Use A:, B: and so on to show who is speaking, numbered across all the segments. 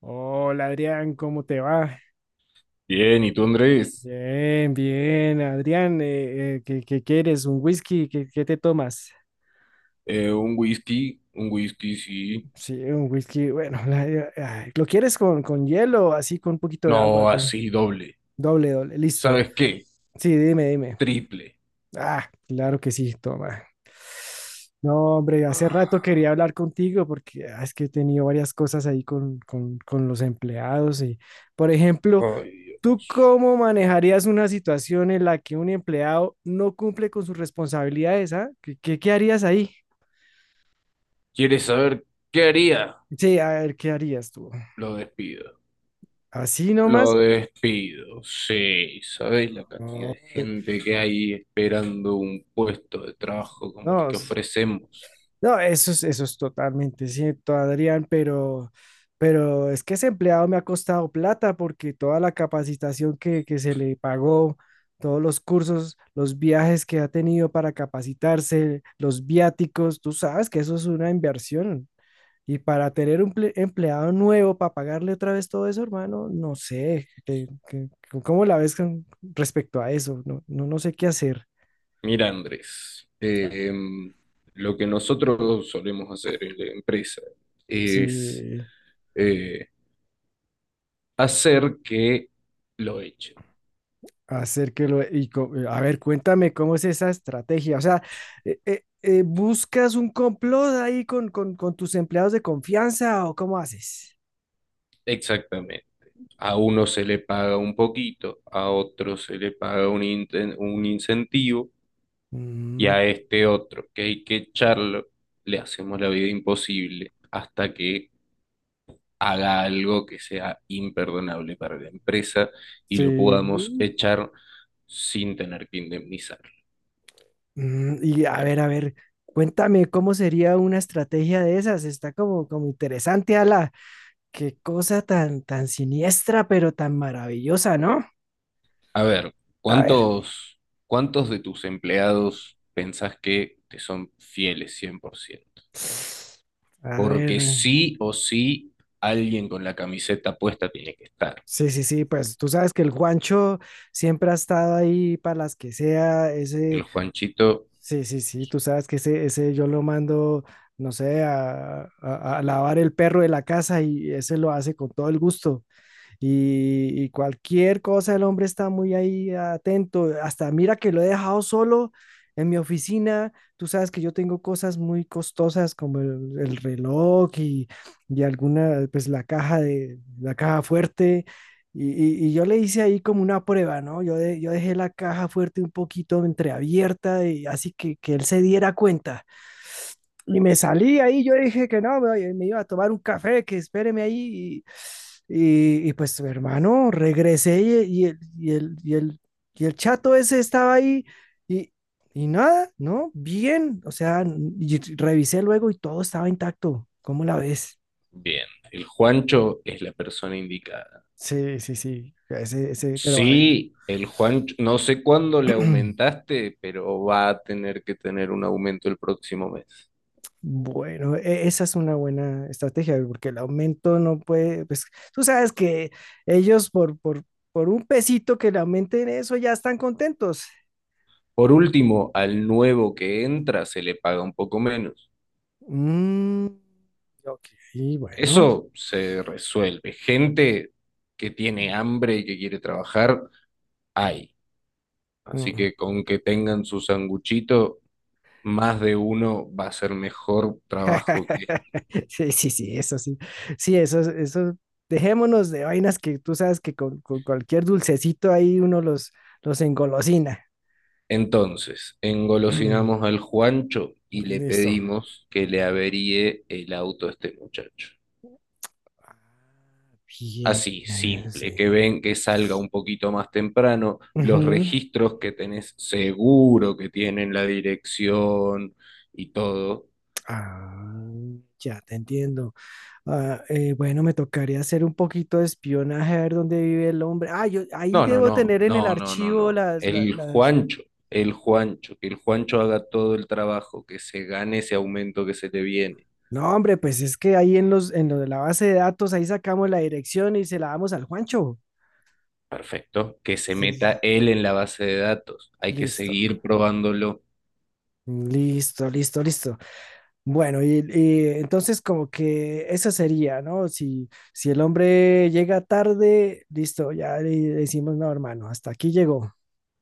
A: Hola Adrián, ¿cómo te va?
B: Bien, ¿y tú, Andrés?
A: Bien, Adrián, ¿qué quieres? ¿Un whisky? ¿Qué te tomas?
B: Un whisky, sí.
A: Sí, un whisky, bueno, ay, ¿lo quieres con hielo, así con un poquito de agua?
B: No,
A: Que
B: así, doble.
A: doble, doble, listo.
B: ¿Sabes qué?
A: Sí, dime, dime.
B: Triple.
A: Ah, claro que sí, toma. No, hombre, hace
B: Ah,
A: rato quería hablar contigo porque es que he tenido varias cosas ahí con los empleados y, por ejemplo,
B: Ay,
A: ¿tú
B: Dios.
A: cómo manejarías una situación en la que un empleado no cumple con sus responsabilidades, ah? ¿Qué harías ahí?
B: ¿Quieres saber qué haría?
A: Sí, a ver, ¿qué harías tú?
B: Lo despido.
A: ¿Así
B: Lo
A: nomás?
B: despido, sí. ¿Sabes la cantidad
A: No,
B: de gente que hay esperando un puesto de trabajo como el
A: no,
B: que
A: es-
B: ofrecemos?
A: no, eso es totalmente cierto, Adrián, pero es que ese empleado me ha costado plata porque toda la capacitación que se le pagó, todos los cursos, los viajes que ha tenido para capacitarse, los viáticos, tú sabes que eso es una inversión. Y para tener un empleado nuevo, para pagarle otra vez todo eso, hermano, no sé, ¿cómo la ves con respecto a eso? No, no sé qué hacer.
B: Mira, Andrés,
A: Ah,
B: lo que nosotros solemos hacer en la empresa es...
A: sí,
B: eh, hacer que lo echen.
A: hacer que lo... Y, a ver, cuéntame cómo es esa estrategia. O sea, ¿buscas un complot ahí con tus empleados de confianza o cómo haces?
B: Exactamente. A uno se le paga un poquito, a otro se le paga un incentivo y
A: Mm,
B: a este otro que hay que echarlo, le hacemos la vida imposible hasta que haga algo que sea imperdonable para la empresa y lo podamos
A: sí.
B: echar sin tener que indemnizar.
A: Mm, y a ver, cuéntame cómo sería una estrategia de esas. Está como interesante, Ala. Qué cosa tan siniestra, pero tan maravillosa, ¿no?
B: A ver,
A: A ver.
B: ¿cuántos, cuántos de tus empleados pensás que te son fieles 100%?
A: A ver.
B: Porque sí o sí, alguien con la camiseta puesta tiene que estar.
A: Sí, pues tú sabes que el Juancho siempre ha estado ahí para las que sea,
B: El
A: ese,
B: Juanchito,
A: sí, tú sabes que ese yo lo mando, no sé, a lavar el perro de la casa y ese lo hace con todo el gusto. Y, y cualquier cosa el hombre está muy ahí atento. Hasta mira que lo he dejado solo en mi oficina. Tú sabes que yo tengo cosas muy costosas como el reloj y alguna, pues la caja de la caja fuerte. Y yo le hice ahí como una prueba, ¿no? Yo, yo dejé la caja fuerte un poquito entreabierta y así que él se diera cuenta. Y me salí ahí, yo dije que no, me iba a tomar un café, que espéreme ahí. Y pues, hermano, regresé y el chato ese estaba ahí y, y nada, ¿no? Bien, o sea, y revisé luego y todo estaba intacto. ¿Cómo la ves?
B: bien. El Juancho es la persona indicada.
A: Sí. Ese, pero a ver.
B: Sí, el Juancho, no sé cuándo le aumentaste, pero va a tener que tener un aumento el próximo mes.
A: Bueno, esa es una buena estrategia, porque el aumento no puede, pues tú sabes que ellos por un pesito que le aumenten eso ya están contentos.
B: Por último, al nuevo que entra se le paga un poco menos.
A: Mm, ok, bueno.
B: Eso se resuelve. Gente que tiene hambre y que quiere trabajar, hay. Así
A: Mm.
B: que con que tengan su sanguchito, más de uno va a ser mejor trabajo que este.
A: Sí, eso sí. Sí, eso, dejémonos de vainas que tú sabes que con cualquier dulcecito ahí uno los engolosina.
B: Entonces, engolosinamos al Juancho y le
A: Listo.
B: pedimos que le averíe el auto a este muchacho.
A: Bien,
B: Así,
A: bien, sí.
B: simple, que ven que salga un poquito más temprano, los
A: Ujú.
B: registros que tenés seguro que tienen la dirección y todo.
A: Ah, ya te entiendo. Ah, bueno, me tocaría hacer un poquito de espionaje a ver dónde vive el hombre. Ah, yo ahí
B: No, no,
A: debo
B: no,
A: tener en el
B: no, no, no,
A: archivo
B: no.
A: las, la- las,
B: El Juancho, que el Juancho haga todo el trabajo, que se gane ese aumento que se le viene.
A: No, hombre, pues es que ahí en en lo de la base de datos, ahí sacamos la dirección y se la damos al Juancho.
B: Perfecto. Que se
A: Sí, sí.
B: meta él en la base de datos. Hay que
A: Listo.
B: seguir probándolo.
A: Listo, listo, listo. Bueno, y entonces como que eso sería, ¿no? Si el hombre llega tarde, listo, ya le decimos, no, hermano, hasta aquí llegó.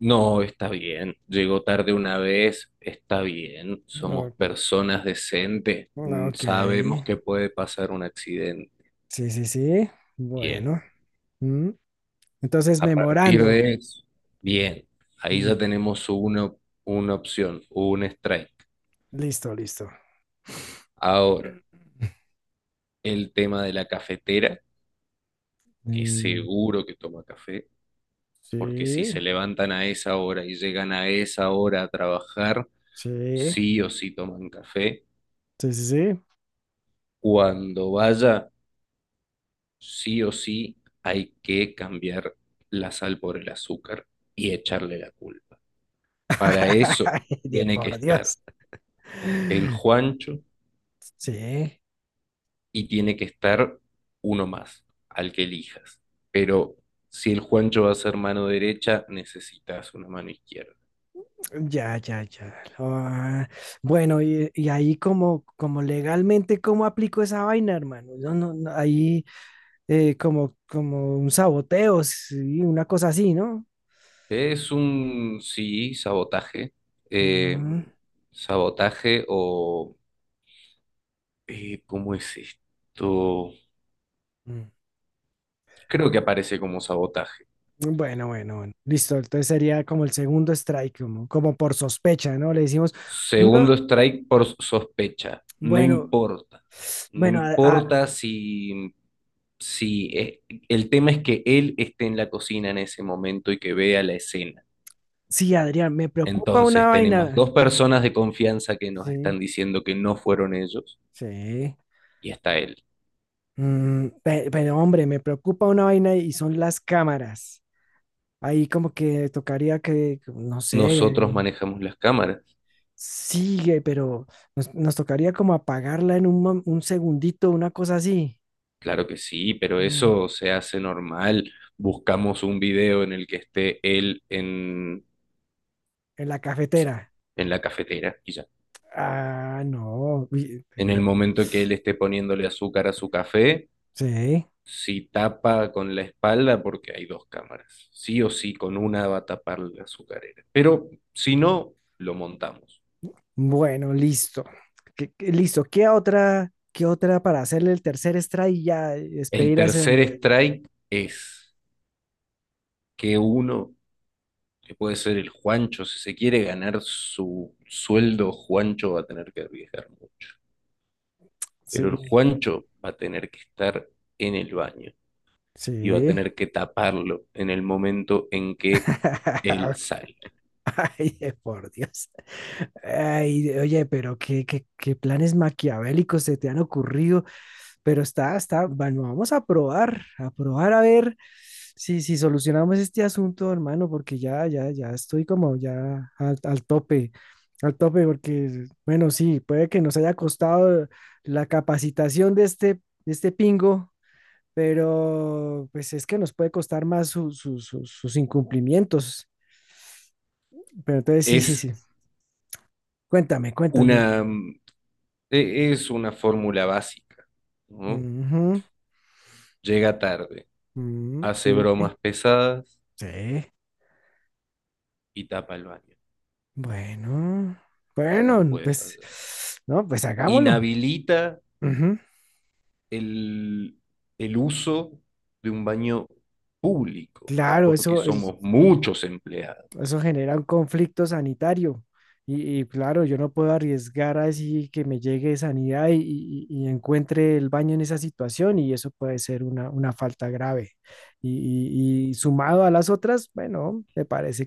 B: No, está bien. Llegó tarde una vez. Está bien. Somos
A: Ok.
B: personas decentes.
A: Ah,
B: Mm,
A: ok,
B: sabemos que puede pasar un accidente.
A: sí.
B: Bien.
A: Bueno. Mm. Entonces,
B: A partir
A: memorando.
B: de eso, bien. Ahí ya
A: Mm.
B: tenemos una opción, un strike.
A: Listo, listo.
B: Ahora, el tema de la cafetera, que
A: Mm,
B: seguro que toma café, porque si
A: Sí,
B: se levantan a esa hora y llegan a esa hora a trabajar,
A: sí,
B: sí o sí toman café.
A: sí sí.
B: Cuando vaya, sí o sí hay que cambiar la sal por el azúcar y echarle la culpa. Para eso
A: Ay, de
B: tiene que
A: por
B: estar
A: Dios.
B: el Juancho
A: Sí,
B: y tiene que estar uno más, al que elijas. Pero si el Juancho va a ser mano derecha, necesitas una mano izquierda.
A: ya, ya, ya. Ah, bueno, y ahí como legalmente, ¿cómo aplico esa vaina, hermano? No, no, no, ahí como, como un saboteo, sí, una cosa así, ¿no?
B: Es un, sí, sabotaje. eh,
A: Mm,
B: sabotaje ¿cómo es esto?
A: mm.
B: Creo que aparece como sabotaje.
A: Bueno. Listo. Entonces sería como el segundo strike, como por sospecha, ¿no? Le decimos, no,
B: Segundo strike por sospecha. No
A: bueno,
B: importa. No
A: bueno,
B: importa si el tema es que él esté en la cocina en ese momento y que vea la escena.
A: sí, Adrián, me preocupa una
B: Entonces tenemos
A: vaina.
B: dos personas de confianza que nos
A: Sí,
B: están diciendo que no fueron ellos
A: sí.
B: y está él.
A: Mm, pero hombre, me preocupa una vaina y son las cámaras. Ahí como que tocaría que, no sé,
B: Nosotros manejamos las cámaras.
A: sigue, pero nos tocaría como apagarla en un, un segundito, una cosa así,
B: Claro que sí, pero
A: Mm.
B: eso se hace normal. Buscamos un video en el que esté él
A: En la cafetera.
B: en la cafetera y ya.
A: Ah, no, uy,
B: En el momento que él esté poniéndole azúcar a su café,
A: sí,
B: si tapa con la espalda, porque hay dos cámaras, sí o sí, con una va a tapar la azucarera. Pero si no, lo montamos.
A: bueno, listo. Listo, qué otra para hacerle el tercer extra y ya
B: El
A: despedir a ese
B: tercer
A: hombre?
B: strike es que uno, que puede ser el Juancho, si se quiere ganar su sueldo, Juancho va a tener que arriesgar mucho. Pero el
A: Sí,
B: Juancho va a tener que estar en el baño y va a
A: sí.
B: tener que taparlo en el momento en que él sale.
A: Ay, por Dios. Ay, oye, pero qué planes maquiavélicos se te han ocurrido. Pero está, está, bueno, vamos a probar, a probar a ver si, si solucionamos este asunto, hermano, porque ya estoy como ya al, al tope, porque, bueno, sí, puede que nos haya costado la capacitación de este pingo, pero pues es que nos puede costar más sus incumplimientos. Pero entonces, sí, sí,
B: Es
A: sí. Cuéntame, cuéntame.
B: una, es una fórmula básica, ¿no?
A: Ujú.
B: Llega tarde,
A: Mm,
B: hace
A: sí,
B: bromas pesadas
A: sí.
B: y tapa el baño.
A: Bueno,
B: No
A: bueno,
B: puede
A: pues,
B: fallar.
A: no, pues hagámoslo.
B: Inhabilita
A: Ujú.
B: el, el uso de un baño público,
A: Claro,
B: porque
A: eso,
B: somos muchos empleados.
A: eso genera un conflicto sanitario. Y claro, yo no puedo arriesgar así que me llegue sanidad y, y encuentre el baño en esa situación y eso puede ser una falta grave. Y, y sumado a las otras, bueno, me parece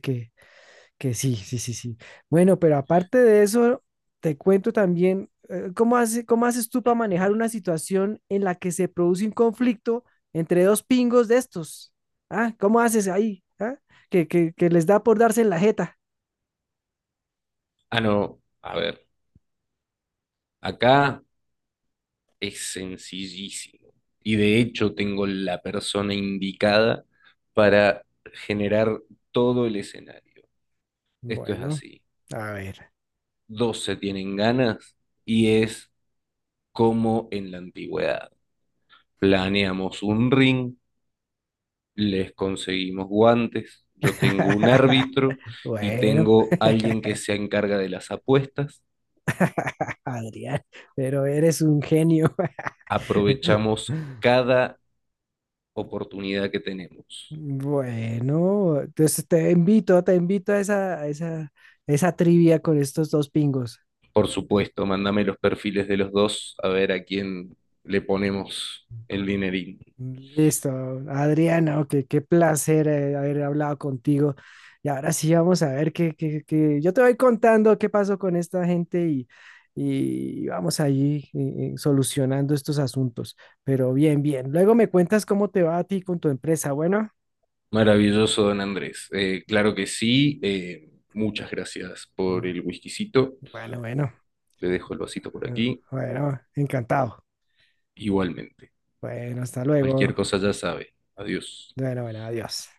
A: que sí. Bueno, pero aparte de eso, te cuento también cómo cómo haces tú para manejar una situación en la que se produce un conflicto entre dos pingos de estos. ¿Ah? ¿Cómo haces ahí? ¿Ah? Que, que les da por darse en la jeta.
B: Ah, no, a ver, acá es sencillísimo. Y de hecho tengo la persona indicada para generar todo el escenario. Esto es
A: Bueno,
B: así.
A: a ver.
B: Dos se tienen ganas y es como en la antigüedad. Planeamos un ring, les conseguimos guantes, yo tengo un árbitro y
A: Bueno,
B: tengo alguien que se encarga de las apuestas.
A: Adrián, pero eres un genio.
B: Aprovechamos cada oportunidad que tenemos.
A: Bueno, entonces te invito a esa, esa trivia con estos dos pingos.
B: Por supuesto, mándame los perfiles de los dos a ver a quién le ponemos el dinerín.
A: Listo, Adriana, ok, qué placer haber hablado contigo. Y ahora sí vamos a ver yo te voy contando qué pasó con esta gente y vamos ahí solucionando estos asuntos. Pero bien, bien. Luego me cuentas cómo te va a ti con tu empresa. Bueno,
B: Maravilloso, don Andrés. Claro que sí. Muchas gracias por el whiskycito.
A: bueno, bueno,
B: Le dejo el vasito por
A: bueno,
B: aquí.
A: bueno, encantado.
B: Igualmente.
A: Bueno, hasta luego.
B: Cualquier cosa ya sabe. Adiós.
A: Bueno, adiós.